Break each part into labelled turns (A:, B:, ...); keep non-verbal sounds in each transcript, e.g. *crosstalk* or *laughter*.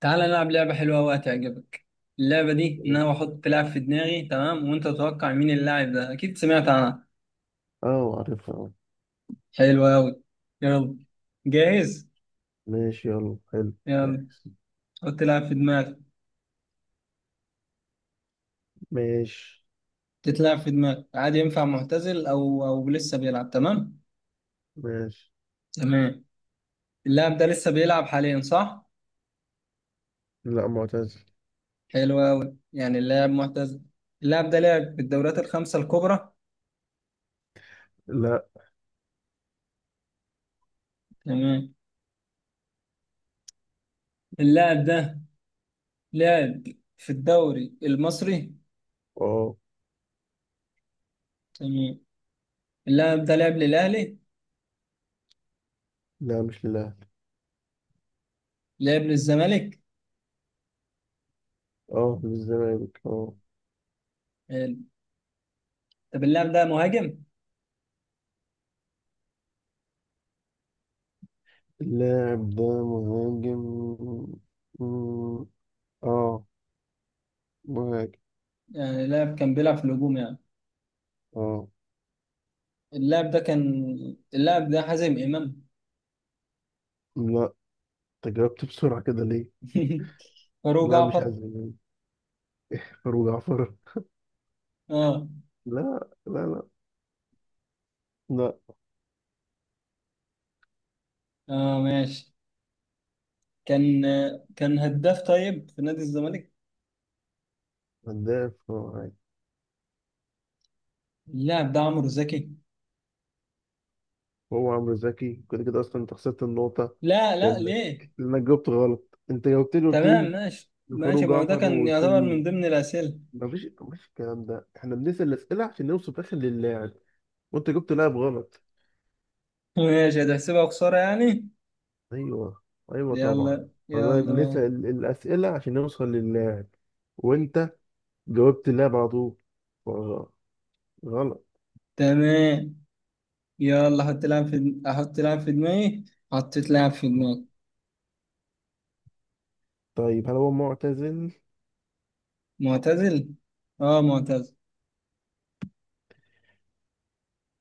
A: تعال نلعب لعبة حلوة وهتعجبك. اللعبة دي إن أنا بحط لاعب في دماغي، تمام؟ وأنت تتوقع مين اللاعب ده. أكيد سمعت عنها.
B: اه، عارفها، اه.
A: حلوة أوي. يلا. جاهز؟
B: ماشي، يلا، حلو.
A: يلا.
B: جاهز.
A: حط لاعب في دماغك.
B: ماشي،
A: تتلعب في دماغك عادي، ينفع معتزل أو لسه بيلعب. تمام.
B: ماشي.
A: تمام. اللاعب ده لسه بيلعب حاليا صح؟
B: لا، معتزل.
A: حلوة أوي، يعني اللاعب معتزل. اللاعب ده لعب في الدوريات الخمسة الكبرى.
B: لا.
A: تمام. اللاعب ده لعب في الدوري المصري.
B: اه.
A: تمام. اللاعب ده لعب للأهلي.
B: لا، مش للاهلي.
A: لعب للزمالك.
B: اه، للزمالك، اه.
A: حلو. طب اللاعب ده مهاجم؟
B: اللاعب ده مهاجم؟ مم، اه، مهاجم،
A: يعني اللاعب كان بيلعب في الهجوم يعني.
B: اه.
A: اللاعب ده كان اللاعب ده حازم امام.
B: لا، انت جاوبت بسرعة كده ليه؟
A: *laughs* فاروق
B: لا، مش
A: جعفر.
B: هزل. فاروق جعفر؟
A: اه.
B: لا، لا، لا. لا.
A: اه ماشي. كان هداف طيب في نادي الزمالك.
B: هداف هو عادي.
A: اللاعب ده عمرو زكي.
B: هو عمرو زكي، كده كده اصلا انت خسرت النقطة.
A: لا. لا
B: لانك
A: ليه؟
B: لانك جاوبت غلط. انت جاوبت لي، قلت
A: تمام
B: لي
A: ماشي
B: زفار
A: ماشي، ما هو ده
B: وجعفر،
A: كان
B: وقلت
A: يعتبر
B: لي
A: من ضمن الأسئلة.
B: مفيش الكلام ده. احنا بنسال الاسئله عشان نوصل في الاخر للاعب، وانت جبت لاعب غلط.
A: *laughs* ماشي، هتحسبها خسارة يعني.
B: ايوه، ايوه طبعا.
A: يلا
B: والله
A: يلا ماشي.
B: بنسال الاسئله عشان نوصل للاعب، وانت جاوبت اللاعب على طول، فغ- غلط.
A: تمام. يلا، حط لاعب في احط لاعب في دماغي. حطيت لاعب في دماغي.
B: طيب، هل هو معتزل؟
A: معتزل. اه معتزل.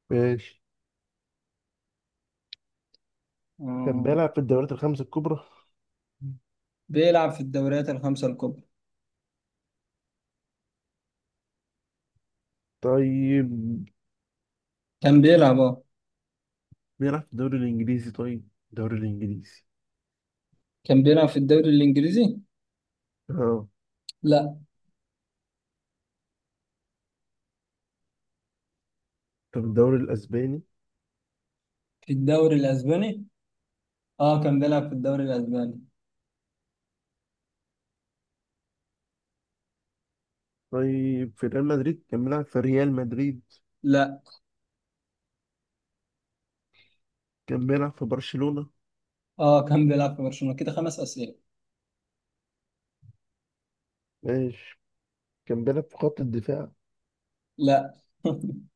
B: ماشي، كان
A: اه.
B: بيلعب في الدوريات الخمس الكبرى.
A: بيلعب في الدوريات الخمسة الكبرى.
B: طيب،
A: كان بيلعب اه
B: بيلعب في الدوري الانجليزي؟ طيب الدوري الانجليزي،
A: كان بيلعب في الدوري الإنجليزي.
B: اه.
A: لا.
B: طب الدوري الاسباني؟
A: في الدوري الأسباني. اه كان بيلعب في الدوري الأسباني.
B: طيب، في ريال مدريد؟ كان بيلعب في ريال مدريد؟
A: لا.
B: كان بيلعب في برشلونة.
A: اه كان بيلعب في برشلونة، كده خمس أسئلة.
B: ماشي، كان بيلعب في خط الدفاع؟
A: لا. *laughs*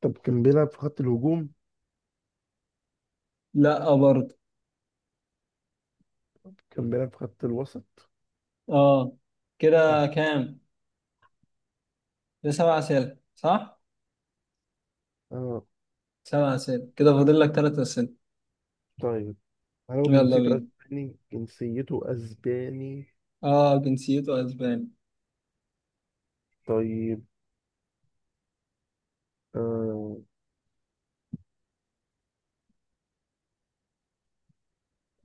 B: طب كان بيلعب في خط الهجوم؟
A: لا، برضه.
B: كان بيلعب في خط الوسط؟
A: اه.
B: مم.
A: كده كام؟ ده سبع أسئلة صح؟
B: اه.
A: سبع أسئلة، كده فاضل لك ثلاث أسئلة.
B: طيب، هل هو
A: يلا
B: جنسيته
A: بينا.
B: اسباني؟ جنسيته اسباني.
A: اه جنسيته أسباني.
B: طيب، آه.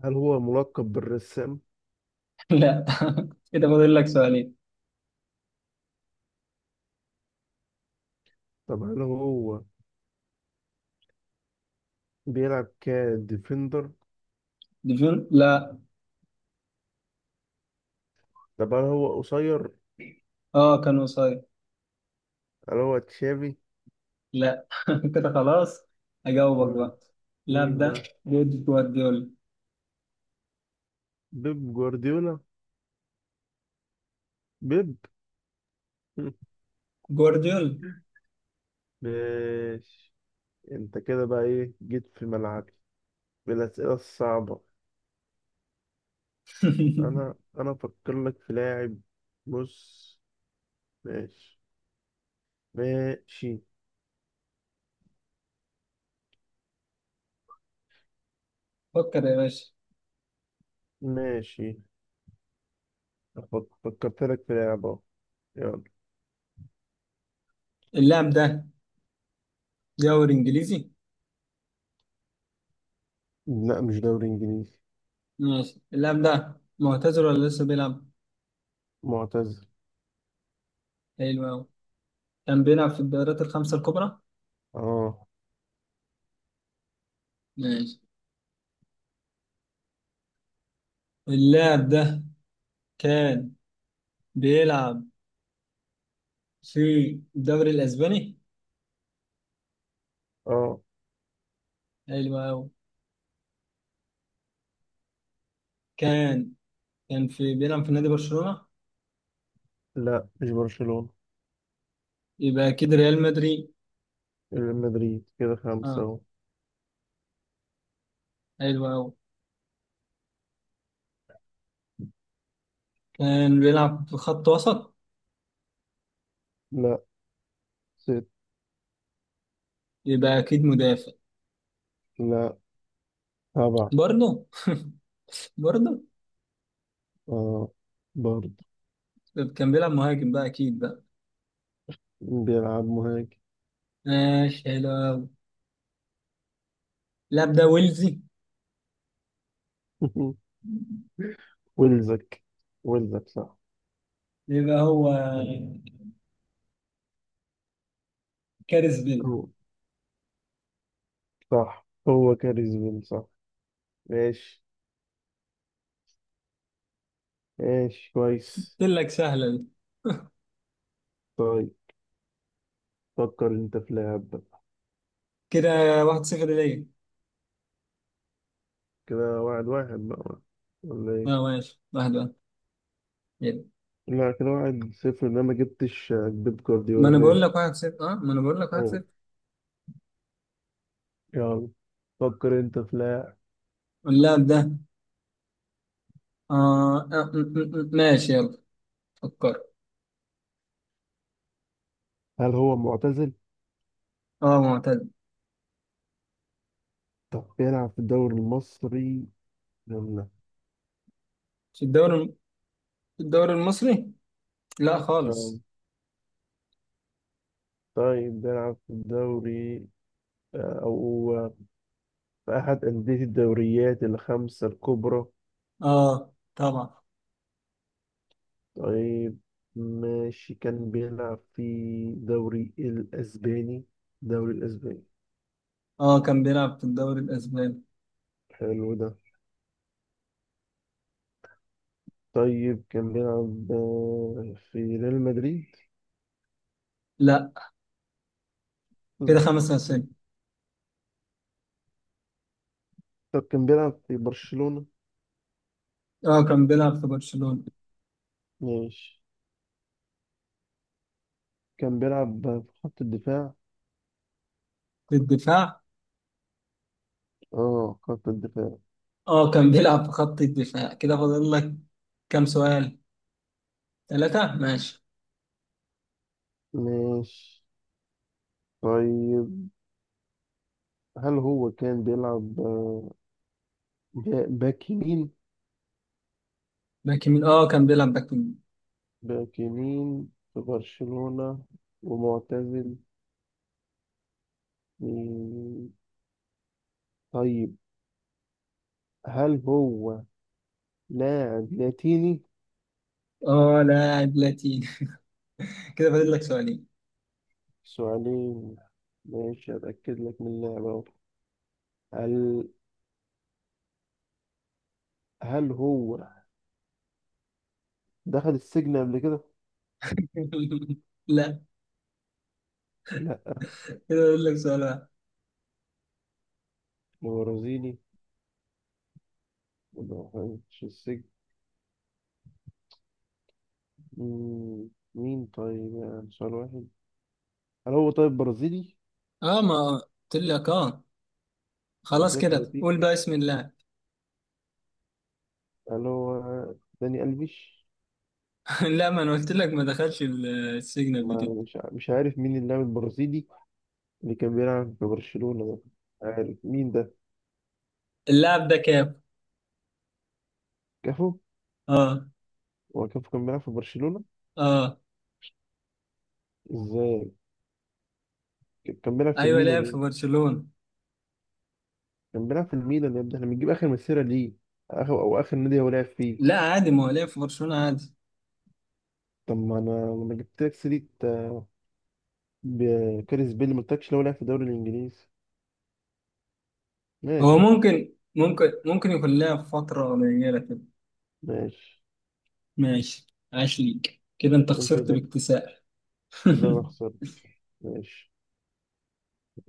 B: هل هو ملقب بالرسام؟
A: *laughs* لا. *laughs* كده فاضل لك سؤالين.
B: طب هل هو بيلعب كديفندر؟
A: ديفيون، لا.
B: طب هل هو قصير؟
A: اه كان قصير.
B: هل هو تشافي؟
A: لا. *laughs* كده خلاص. اجاوبك
B: مم.
A: بقى. اللاعب
B: مين
A: ده
B: بقى؟
A: جوارديولا.
B: بيب جوارديولا؟ بيب. *laughs*
A: جوارديولا.
B: ماشي، انت كده بقى ايه جيت في ملعبي بالاسئله الصعبه. انا
A: *laughs*
B: انا افكر لك في لاعب. بص. ماشي، ماشي،
A: فكر يا باشا.
B: ماشي. فكرت لك في لاعب اهو. يلا.
A: اللاعب ده دوري انجليزي.
B: لا، مش دوري انجليزي.
A: ماشي. اللاعب ده معتزل ولا لسه بيلعب؟
B: معتزل،
A: حلو قوي. كان بيلعب في الدوريات الخمسة الكبرى.
B: اه.
A: ماشي. اللاعب ده كان بيلعب في الدوري الاسباني.
B: اه.
A: حلو قوي. كان كان بيلعب في نادي برشلونة.
B: لا، مش برشلونه.
A: يبقى اكيد ريال مدريد.
B: ريال مدريد، كده خمسه
A: اه.
B: اهو.
A: حلو قوي. كان بيلعب في خط وسط.
B: لا، ست.
A: يبقى اكيد مدافع.
B: لا، سبعة.
A: برضه. برضه.
B: اه، برضه.
A: طب كان بيلعب مهاجم بقى اكيد بقى.
B: بيلعب مهاجم؟
A: ماشي، حلو أوي. اللاعب ده ويلزي.
B: *laughs* ويلزك؟ ويلزك صح.
A: يبقى هو كارث بيل.
B: صح، هو كاريزما، صح. ماشي، ماشي كويس.
A: قلت لك سهله دي.
B: طيب، فكر انت في لاعب بقى.
A: كده 1-0 ليا.
B: كده 1-1 بقى ولا ايه؟
A: اه ماشي، 1-1. يلا.
B: لا، كده 1-0، ان انا ما جبتش بيب
A: ما
B: جوارديولا.
A: انا بقول
B: ماشي.
A: لك 1-0، اه ما انا بقول لك 1-0.
B: أوه. يلا، فكر انت في لاعب.
A: اللاعب ده اه, ماشي يلا. فكر.
B: هل هو معتزل؟
A: اه معتز.
B: طب بيلعب في الدوري المصري ولا لا؟
A: في الدوري الم- في الدوري المصري؟ لا
B: آه،
A: خالص.
B: طيب، بيلعب في الدوري، أو في أحد أندية الدوريات الخمسة الكبرى؟
A: اه طبعا.
B: طيب، ماشي، كان بيلعب في دوري الأسباني. دوري الأسباني،
A: اه كان بيلعب في الدوري الاسباني.
B: حلو ده. طيب، كان بيلعب، في ريال مدريد؟
A: لا. كده
B: بالظبط.
A: خمس أسئلة.
B: طب كان بيلعب في برشلونة؟
A: اه كان بيلعب في برشلونة.
B: ماشي، كان بيلعب في خط الدفاع؟
A: في الدفاع.
B: اه، خط الدفاع.
A: اه كان بيلعب في خط الدفاع، كده فاضل لك كام سؤال؟ ثلاثة، ماشي.
B: ماشي. طيب، هل هو كان بيلعب، باك يمين؟
A: باك يمين، اه كان بيلعب باك يمين.
B: باك يمين في برشلونة، ومعتزل. مم. طيب، هل هو لاعب لاتيني؟
A: اه لاعب لاتيني. *laughs* كده فاضل لك سؤالين.
B: سؤالين. ماشي، أتأكد لك من اللعبة أهو. هل هل هو دخل السجن قبل كده؟
A: *laughs* لا.
B: لا،
A: كده فاضل لك سؤال واحد.
B: هو برازيلي، ما دخلش السجن. مم، مين طيب يعني سؤال واحد؟ هل هو طيب برازيلي؟
A: اه ما قلت لك. اه
B: أنا قلت
A: خلاص
B: لك
A: كده، قول
B: لاتيني.
A: بقى اسم اللاعب.
B: هل هو داني ألفيش؟
A: *laughs* لا، ما انا قلت لك ما دخلش السجن قبل
B: ما
A: كده.
B: مش عارف مين اللاعب البرازيلي اللي كان بيلعب في برشلونة ده. عارف مين ده؟
A: اللاعب ده كام.
B: كافو؟
A: اه.
B: هو كافو كان بيلعب في برشلونة؟
A: اه.
B: ازاي؟ كان بيلعب في
A: ايوه
B: الميلان
A: لعب في
B: يعني.
A: برشلونة.
B: كان بيلعب في الميلان يا ابني، احنا بنجيب اخر مسيره ليه، اخر او اخر نادي هو لعب فيه.
A: لا عادي، ما هو لعب في برشلونة عادي.
B: طب ما انا لما جبت لك سيره، كاريس بيل، ما قلتلكش لو لعب في الدوري الانجليزي.
A: هو
B: ماشي،
A: ممكن يكون لها فترة قليلة كده.
B: ماشي.
A: ماشي. عاش ليك، كده انت
B: انت
A: خسرت
B: كده،
A: باكتساح.
B: كده انا
A: *laughs*
B: خسرت. ماشي.